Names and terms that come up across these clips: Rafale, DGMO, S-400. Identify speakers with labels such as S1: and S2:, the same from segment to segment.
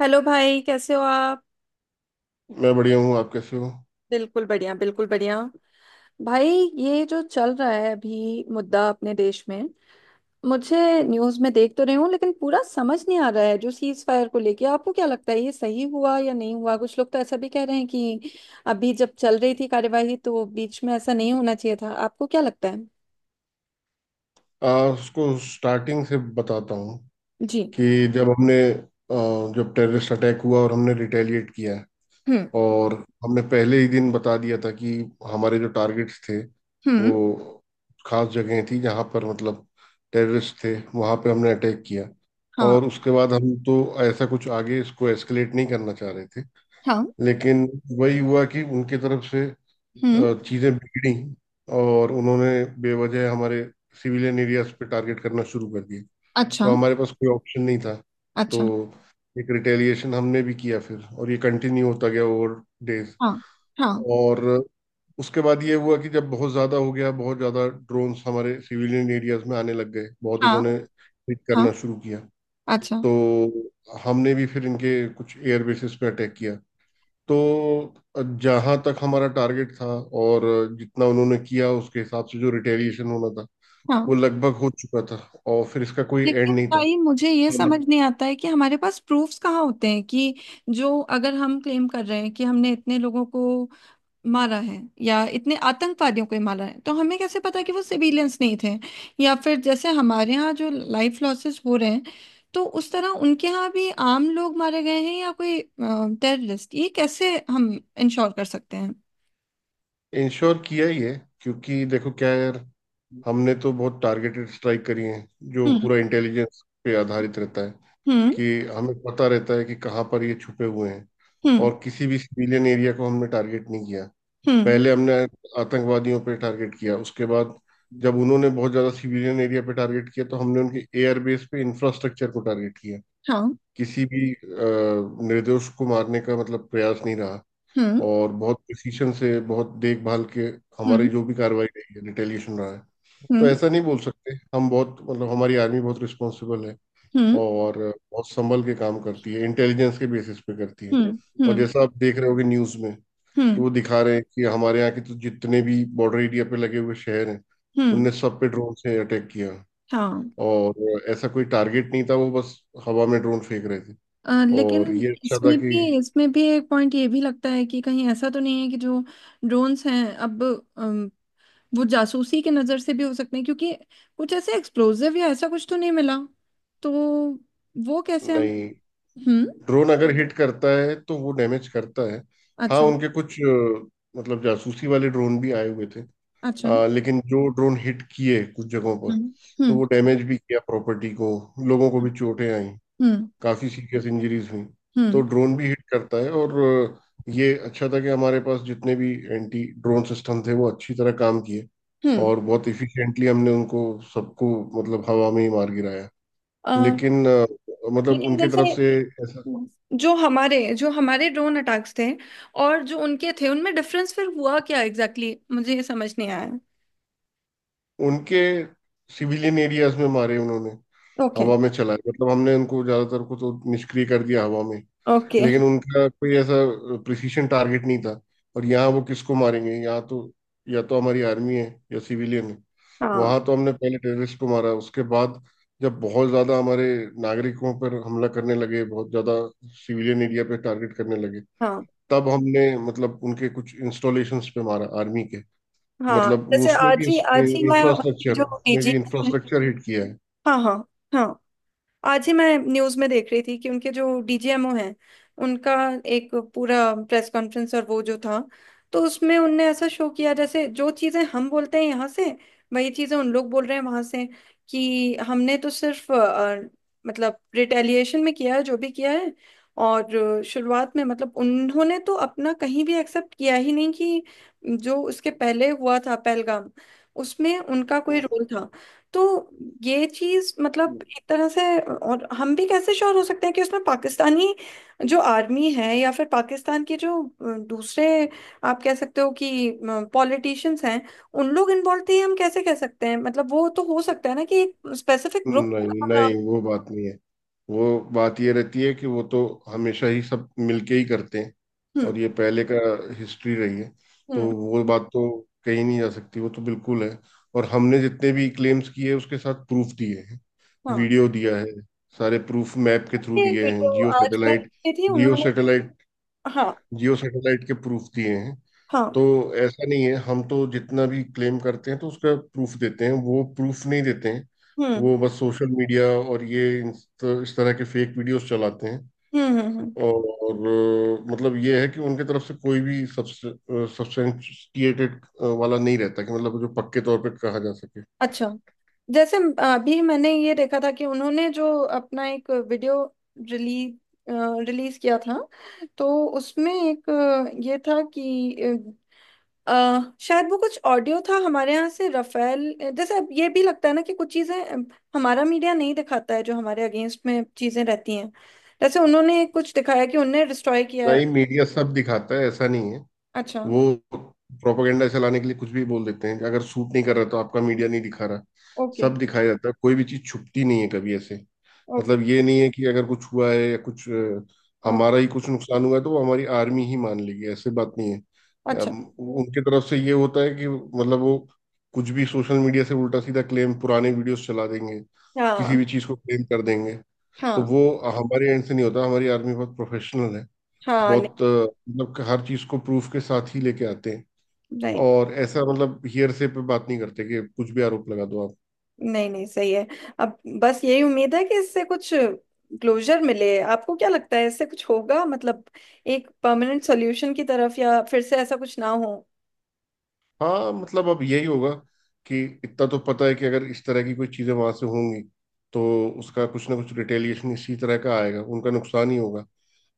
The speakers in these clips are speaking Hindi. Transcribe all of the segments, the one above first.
S1: हेलो भाई, कैसे हो आप?
S2: मैं बढ़िया हूँ। आप कैसे हो?
S1: बिल्कुल बढ़िया, बिल्कुल बढ़िया। भाई, ये जो चल रहा है अभी मुद्दा अपने देश में, मुझे न्यूज़ में देख तो रही हूँ लेकिन पूरा समझ नहीं आ रहा है। जो सीज फायर को लेके, आपको क्या लगता है ये सही हुआ या नहीं हुआ? कुछ लोग तो ऐसा भी कह रहे हैं कि अभी जब चल रही थी कार्यवाही तो बीच में ऐसा नहीं होना चाहिए था। आपको क्या लगता है?
S2: उसको स्टार्टिंग से बताता हूँ
S1: जी।
S2: कि जब हमने जब टेररिस्ट अटैक हुआ और हमने रिटेलिएट किया।
S1: हम्म।
S2: और हमने पहले ही दिन बता दिया था कि हमारे जो टारगेट्स थे
S1: हम्म।
S2: वो खास जगह थी जहाँ पर मतलब टेररिस्ट थे वहाँ पे हमने अटैक किया।
S1: हाँ।
S2: और उसके बाद हम तो ऐसा कुछ आगे इसको एस्केलेट नहीं करना चाह रहे थे।
S1: हाँ।
S2: लेकिन वही हुआ कि उनकी तरफ से
S1: हम्म।
S2: चीजें बिगड़ी और उन्होंने बेवजह हमारे सिविलियन एरियाज पे टारगेट करना शुरू कर दिए।
S1: अच्छा।
S2: तो हमारे पास कोई ऑप्शन नहीं था। तो
S1: अच्छा।
S2: एक रिटेलिएशन हमने भी किया फिर और ये कंटिन्यू होता गया ओवर डेज।
S1: हाँ। हाँ।
S2: और उसके बाद ये हुआ कि जब बहुत ज़्यादा हो गया बहुत ज़्यादा ड्रोन्स हमारे सिविलियन एरियाज में आने लग गए बहुत
S1: हाँ।
S2: इन्होंने हिट
S1: हाँ।
S2: करना शुरू किया।
S1: अच्छा।
S2: तो हमने भी फिर इनके कुछ एयर बेसिस पे अटैक किया। तो जहां तक हमारा टारगेट था और जितना उन्होंने किया उसके हिसाब से जो रिटेलिएशन होना था वो
S1: हाँ।
S2: लगभग हो चुका था। और फिर इसका कोई
S1: लेकिन
S2: एंड नहीं था।
S1: भाई, मुझे ये
S2: हम
S1: समझ नहीं आता है कि हमारे पास प्रूफ्स कहाँ होते हैं कि जो, अगर हम क्लेम कर रहे हैं कि हमने इतने लोगों को मारा है या इतने आतंकवादियों को ही मारा है, तो हमें कैसे पता कि वो सिविलियंस नहीं थे? या फिर जैसे हमारे यहाँ जो लाइफ लॉसेस हो रहे हैं, तो उस तरह उनके यहाँ भी आम लोग मारे गए हैं या कोई टेररिस्ट, ये कैसे हम इंश्योर कर सकते हैं?
S2: इंश्योर किया ही है, क्योंकि देखो क्या है यार, हमने तो बहुत टारगेटेड स्ट्राइक करी है जो पूरा
S1: हम्म।
S2: इंटेलिजेंस पे आधारित रहता है
S1: हम्म।
S2: कि हमें पता रहता है कि कहाँ पर ये छुपे हुए हैं।
S1: हम्म।
S2: और किसी भी सिविलियन एरिया को हमने टारगेट नहीं किया।
S1: हम्म।
S2: पहले हमने आतंकवादियों पे टारगेट किया, उसके बाद जब उन्होंने बहुत ज्यादा सिविलियन एरिया पे टारगेट किया तो हमने उनके एयर बेस पे इंफ्रास्ट्रक्चर को टारगेट किया।
S1: हाँ।
S2: किसी भी निर्दोष को मारने का मतलब प्रयास नहीं रहा।
S1: हम्म।
S2: और बहुत प्रिसीशन से, बहुत देखभाल के हमारी
S1: हम्म।
S2: जो भी कार्रवाई रही है रिटेलिएशन रहा है। तो
S1: हम्म।
S2: ऐसा नहीं बोल सकते हम, बहुत मतलब हमारी आर्मी बहुत रिस्पॉन्सिबल है।
S1: हम्म।
S2: और बहुत संभल के काम करती है, इंटेलिजेंस के बेसिस पे करती है।
S1: हम्म।
S2: और
S1: हम्म।
S2: जैसा आप देख रहे होगे न्यूज़ में कि
S1: हम्म।
S2: वो दिखा रहे हैं कि हमारे यहाँ के तो जितने भी बॉर्डर एरिया पे लगे हुए शहर हैं उनने
S1: हम्म।
S2: सब पे ड्रोन से अटैक किया।
S1: हाँ।
S2: और ऐसा कोई टारगेट नहीं था, वो बस हवा में ड्रोन फेंक रहे थे। और
S1: लेकिन
S2: ये अच्छा था
S1: इसमें
S2: कि।
S1: भी इसमें भी एक पॉइंट ये भी लगता है कि कहीं ऐसा तो नहीं है कि जो ड्रोन्स हैं अब, अम, वो जासूसी के नज़र से भी हो सकते हैं, क्योंकि कुछ ऐसे एक्सप्लोजिव या ऐसा कुछ तो नहीं मिला। तो वो कैसे हम...
S2: नहीं,
S1: हम्म।
S2: ड्रोन अगर हिट करता है तो वो डैमेज करता है। हाँ,
S1: अच्छा।
S2: उनके कुछ मतलब जासूसी वाले ड्रोन भी आए हुए थे।
S1: अच्छा।
S2: लेकिन जो ड्रोन हिट किए कुछ जगहों पर,
S1: हम्म।
S2: तो
S1: हम्म।
S2: वो डैमेज भी किया प्रॉपर्टी को, लोगों को भी चोटें आई।
S1: हम्म।
S2: काफी सीरियस इंजरीज हुई। तो
S1: हम्म।
S2: ड्रोन भी हिट करता है। और ये अच्छा था कि हमारे पास जितने भी एंटी ड्रोन सिस्टम थे वो अच्छी तरह काम किए।
S1: हम्म।
S2: और बहुत इफिशिएंटली हमने उनको सबको मतलब हवा में ही मार गिराया।
S1: अ,
S2: लेकिन मतलब
S1: लेकिन
S2: उनके तरफ
S1: जैसे
S2: से
S1: जो हमारे ड्रोन अटैक्स थे और जो उनके थे, उनमें डिफरेंस फिर हुआ क्या एग्जैक्टली exactly? मुझे ये समझ नहीं आया।
S2: उनके सिविलियन एरियाज में मारे उन्होंने,
S1: ओके।
S2: हवा में चलाए, मतलब हमने उनको ज्यादातर को तो निष्क्रिय कर दिया हवा में।
S1: ओके।
S2: लेकिन उनका कोई ऐसा प्रिसीशन टारगेट नहीं था। और यहाँ वो किसको मारेंगे, यहाँ तो या तो हमारी आर्मी है या सिविलियन है।
S1: हाँ।
S2: वहां तो हमने पहले टेररिस्ट को मारा, उसके बाद जब बहुत ज्यादा हमारे नागरिकों पर हमला करने लगे, बहुत ज्यादा सिविलियन एरिया पे टारगेट करने लगे,
S1: हाँ।
S2: तब हमने मतलब उनके कुछ इंस्टॉलेशंस पे मारा आर्मी के।
S1: हाँ
S2: मतलब वो
S1: जैसे
S2: उसमें भी
S1: आज ही मैं अपनी
S2: इंफ्रास्ट्रक्चर,
S1: जो
S2: उसमें
S1: पीजी...
S2: भी इंफ्रास्ट्रक्चर हिट किया है।
S1: हाँ। हाँ। हाँ। आज ही मैं न्यूज में देख रही थी कि उनके जो डीजीएमओ हैं, उनका एक पूरा प्रेस कॉन्फ्रेंस, और वो जो था, तो उसमें उनने ऐसा शो किया जैसे जो चीजें हम बोलते हैं यहाँ से, वही चीजें उन लोग बोल रहे हैं वहां से कि हमने तो सिर्फ मतलब रिटेलिएशन में किया है जो भी किया है। और शुरुआत में मतलब उन्होंने तो अपना कहीं भी एक्सेप्ट किया ही नहीं कि जो उसके पहले हुआ था, पहलगाम, उसमें उनका कोई रोल था। तो ये चीज मतलब एक तरह से, और हम भी कैसे श्योर हो सकते हैं कि उसमें पाकिस्तानी जो आर्मी है या फिर पाकिस्तान के जो दूसरे, आप कह सकते हो कि पॉलिटिशियंस हैं, उन लोग इन्वॉल्व थे? हम कैसे कह सकते हैं? मतलब वो तो हो सकता है ना कि एक स्पेसिफिक ग्रुप
S2: नहीं
S1: हमारा...
S2: नहीं, वो बात नहीं है। वो बात ये रहती है कि वो तो हमेशा ही सब मिलके ही करते हैं। और
S1: हम्म।
S2: ये पहले का हिस्ट्री रही है। तो
S1: हम्म।
S2: वो बात तो कहीं नहीं जा सकती, वो तो बिल्कुल है। और हमने जितने भी क्लेम्स किए उसके साथ प्रूफ दिए हैं।
S1: हाँ।
S2: वीडियो दिया है। सारे प्रूफ मैप के थ्रू
S1: ये
S2: दिए हैं,
S1: वीडियो
S2: जियो
S1: आज मैं
S2: सैटेलाइट,
S1: देखी थी
S2: जियो
S1: उन्होंने।
S2: सैटेलाइट,
S1: हाँ।
S2: जियो सैटेलाइट के प्रूफ दिए हैं।
S1: हाँ।
S2: तो ऐसा नहीं है। हम तो जितना भी क्लेम करते हैं तो उसका प्रूफ देते हैं। वो प्रूफ नहीं देते हैं।
S1: हम्म।
S2: वो बस सोशल मीडिया और ये इस तरह के फेक वीडियोस चलाते हैं।
S1: हम्म। हम्म। हम्म।
S2: और मतलब ये है कि उनके तरफ से कोई भी सब्सटेंटिएटेड वाला नहीं रहता कि मतलब जो पक्के तौर पे कहा जा सके।
S1: अच्छा। जैसे अभी मैंने ये देखा था कि उन्होंने जो अपना एक वीडियो रिलीज रिलीज किया था, तो उसमें एक ये था कि शायद वो कुछ ऑडियो था हमारे यहाँ से, रफेल। जैसे अब ये भी लगता है ना कि कुछ चीज़ें हमारा मीडिया नहीं दिखाता है, जो हमारे अगेंस्ट में चीज़ें रहती हैं। जैसे उन्होंने कुछ दिखाया कि उन्होंने डिस्ट्रॉय किया है।
S2: नहीं, मीडिया सब दिखाता है, ऐसा नहीं है।
S1: अच्छा।
S2: वो प्रोपागेंडा चलाने के लिए कुछ भी बोल देते हैं कि अगर सूट नहीं कर रहा तो आपका मीडिया नहीं दिखा रहा।
S1: ओके।
S2: सब दिखाया जाता है, कोई भी चीज छुपती नहीं है कभी ऐसे।
S1: ओके।
S2: मतलब ये नहीं है कि अगर कुछ हुआ है या कुछ
S1: ओके।
S2: हमारा ही कुछ नुकसान हुआ है तो वो हमारी आर्मी ही मान लेगी, ऐसे बात नहीं है।
S1: अच्छा।
S2: उनके तरफ से ये होता है कि मतलब वो कुछ भी सोशल मीडिया से उल्टा सीधा क्लेम, पुराने वीडियोस चला देंगे, किसी
S1: हाँ।
S2: भी चीज को क्लेम कर देंगे। तो
S1: हाँ।
S2: वो हमारे एंड से नहीं होता। हमारी आर्मी बहुत प्रोफेशनल है।
S1: हाँ, नहीं।
S2: बहुत मतलब कि हर चीज को प्रूफ के साथ ही लेके आते हैं।
S1: राइट।
S2: और ऐसा मतलब हियरसे पे बात नहीं करते कि कुछ भी आरोप लगा दो आप।
S1: नहीं, नहीं, सही है। अब बस यही उम्मीद है कि इससे कुछ क्लोजर मिले। आपको क्या लगता है इससे कुछ होगा? मतलब एक परमानेंट सॉल्यूशन की तरफ, या फिर से ऐसा कुछ ना हो।
S2: हाँ, मतलब अब यही होगा कि इतना तो पता है कि अगर इस तरह की कोई चीजें वहां से होंगी तो उसका कुछ ना कुछ रिटेलिएशन इसी तरह का आएगा, उनका नुकसान ही होगा।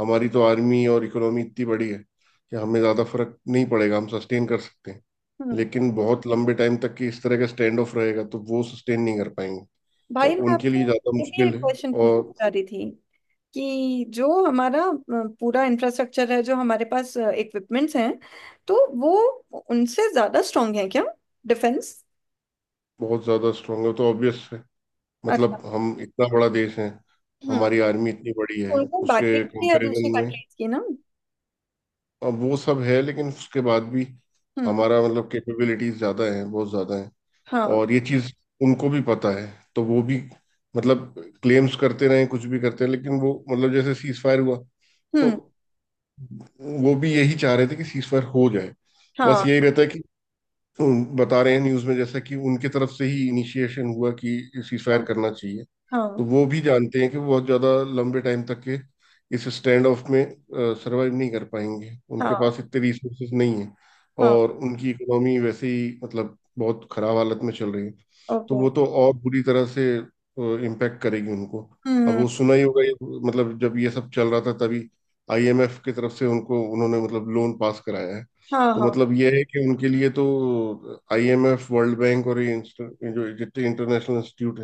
S2: हमारी तो आर्मी और इकोनॉमी इतनी बड़ी है कि हमें ज्यादा फर्क नहीं पड़ेगा, हम सस्टेन कर सकते हैं।
S1: हम्म।
S2: लेकिन बहुत लंबे टाइम तक की इस तरह का स्टैंड ऑफ रहेगा तो वो सस्टेन नहीं कर पाएंगे। और
S1: भाई मैं
S2: उनके
S1: आपसे
S2: लिए ज्यादा
S1: ये भी
S2: मुश्किल
S1: एक
S2: है।
S1: क्वेश्चन
S2: और
S1: पूछना चाह रही थी कि जो हमारा पूरा इंफ्रास्ट्रक्चर है, जो हमारे पास इक्विपमेंट्स हैं, तो वो उनसे ज्यादा स्ट्रांग है क्या? डिफेंस?
S2: बहुत ज्यादा स्ट्रांग है, तो ऑब्वियस है।
S1: अच्छा।
S2: मतलब हम इतना बड़ा देश है,
S1: हम्म।
S2: हमारी आर्मी इतनी बड़ी है
S1: उनको
S2: उसके
S1: बैकिंग भी है दूसरी
S2: कंपैरिजन में।
S1: कंट्रीज की ना।
S2: अब वो सब है, लेकिन उसके बाद भी
S1: हम्म।
S2: हमारा मतलब कैपेबिलिटीज ज्यादा है, बहुत ज्यादा है।
S1: हाँ।
S2: और ये चीज उनको भी पता है। तो वो भी मतलब क्लेम्स करते रहे, कुछ भी करते रहे, लेकिन वो मतलब जैसे सीज फायर हुआ, तो
S1: हम्म।
S2: वो भी यही चाह रहे थे कि सीज फायर हो जाए। बस
S1: हाँ।
S2: यही रहता है कि बता रहे हैं न्यूज में, जैसा कि उनके तरफ से ही इनिशिएशन हुआ कि सीज फायर
S1: हाँ।
S2: करना चाहिए। तो
S1: हाँ।
S2: वो भी जानते हैं कि वो बहुत ज़्यादा लंबे टाइम तक के इस स्टैंड ऑफ में सरवाइव नहीं कर पाएंगे। उनके
S1: हाँ।
S2: पास इतने रिसोर्सेज नहीं है।
S1: हाँ।
S2: और उनकी इकोनॉमी वैसे ही मतलब बहुत खराब हालत में चल रही है। तो
S1: ओके।
S2: वो तो और बुरी तरह से इम्पैक्ट करेगी उनको।
S1: हम्म।
S2: अब वो सुना ही होगा ये, मतलब जब ये सब चल रहा था तभी आईएमएफ की तरफ से उनको, उन्होंने मतलब लोन पास कराया है।
S1: हाँ।
S2: तो
S1: हाँ।
S2: मतलब ये है कि उनके लिए तो आईएमएफ, वर्ल्ड बैंक और ये जो जितने इंटरनेशनल इंस्टीट्यूट,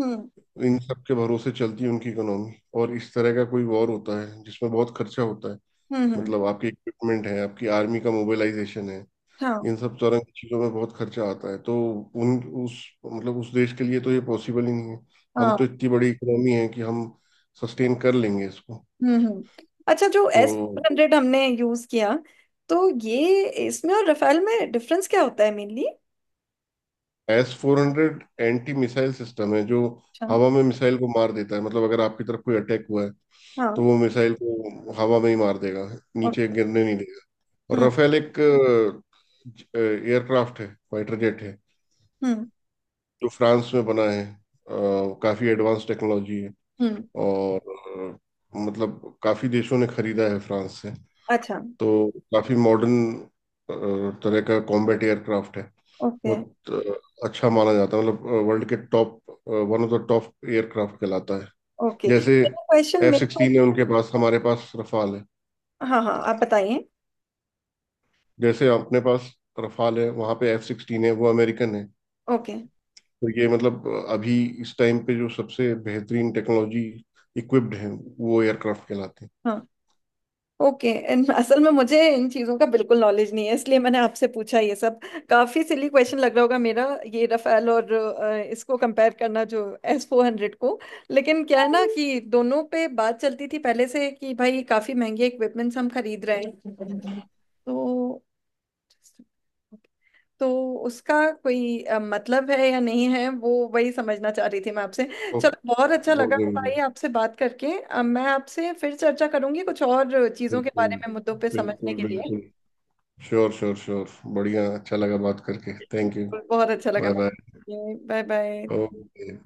S1: हम्म।
S2: इन सब के भरोसे चलती है उनकी इकोनॉमी। और इस तरह का कोई वॉर होता है जिसमें बहुत खर्चा होता है।
S1: हम्म।
S2: मतलब आपके इक्विपमेंट है, आपकी आर्मी का मोबिलाइजेशन है,
S1: हाँ।
S2: इन सब तरह की चीज़ों में बहुत खर्चा आता है। तो उन उस मतलब उस देश के लिए तो ये पॉसिबल ही नहीं है। हम तो
S1: हाँ।
S2: इतनी बड़ी इकोनॉमी है कि हम सस्टेन कर लेंगे इसको।
S1: हम्म। हम्म। अच्छा, जो एस
S2: तो
S1: 100 हमने यूज किया, तो ये इसमें और रफेल में डिफरेंस क्या होता है mainly?
S2: S-400 anti missile system है जो
S1: अच्छा।
S2: हवा में मिसाइल को मार देता है। मतलब अगर आपकी तरफ कोई अटैक हुआ है तो
S1: हाँ।
S2: वो मिसाइल को हवा में ही मार देगा,
S1: ओ-
S2: नीचे गिरने नहीं। और
S1: हम्म।
S2: राफेल एक एयरक्राफ्ट है, फाइटर जेट है,
S1: हम्म।
S2: जो फ्रांस में बना है। काफी एडवांस टेक्नोलॉजी है।
S1: हम्म।
S2: और मतलब काफी देशों ने खरीदा है फ्रांस से।
S1: अच्छा।
S2: तो काफी मॉडर्न तरह का कॉम्बैट एयरक्राफ्ट है।
S1: ओके।
S2: बहुत अच्छा माना जाता है, मतलब वर्ल्ड के top, one of the top aircraft कहलाता है।
S1: ओके,
S2: जैसे
S1: मेरा क्वेश्चन
S2: एफ
S1: मेरे को...
S2: सिक्सटीन है उनके पास, हमारे पास रफाल है।
S1: हाँ, हाँ, आप बताइए।
S2: जैसे अपने पास रफाल है, वहाँ पे F-16 है, वो अमेरिकन है।
S1: ओके।
S2: तो ये मतलब अभी इस टाइम पे जो सबसे बेहतरीन टेक्नोलॉजी इक्विप्ड हैं वो एयरक्राफ्ट कहलाते हैं।
S1: हाँ। ओके। असल में मुझे इन चीज़ों का बिल्कुल नॉलेज नहीं है, इसलिए मैंने आपसे पूछा ये सब। काफ़ी सिली क्वेश्चन लग रहा होगा मेरा, ये रफेल और इसको कंपेयर करना, जो एस 400 को। लेकिन क्या है ना कि दोनों पे बात चलती थी पहले से कि भाई काफ़ी महंगे इक्विपमेंट्स हम खरीद रहे हैं, तो तो उसका कोई मतलब है या नहीं है, वो वही समझना चाह रही थी मैं आपसे।
S2: तो
S1: चलो, बहुत अच्छा
S2: बहुत
S1: लगा
S2: जरूरी है।
S1: भाई आपसे बात करके। मैं आपसे फिर चर्चा करूंगी कुछ और चीज़ों के
S2: बिल्कुल।
S1: बारे में, मुद्दों पे समझने
S2: बिल्कुल
S1: के लिए।
S2: बिल्कुल। Sure sure sure. बढ़िया, अच्छा लगा बात करके। Thank you.
S1: बहुत अच्छा लगा।
S2: Bye bye.
S1: Bye bye.
S2: Okay.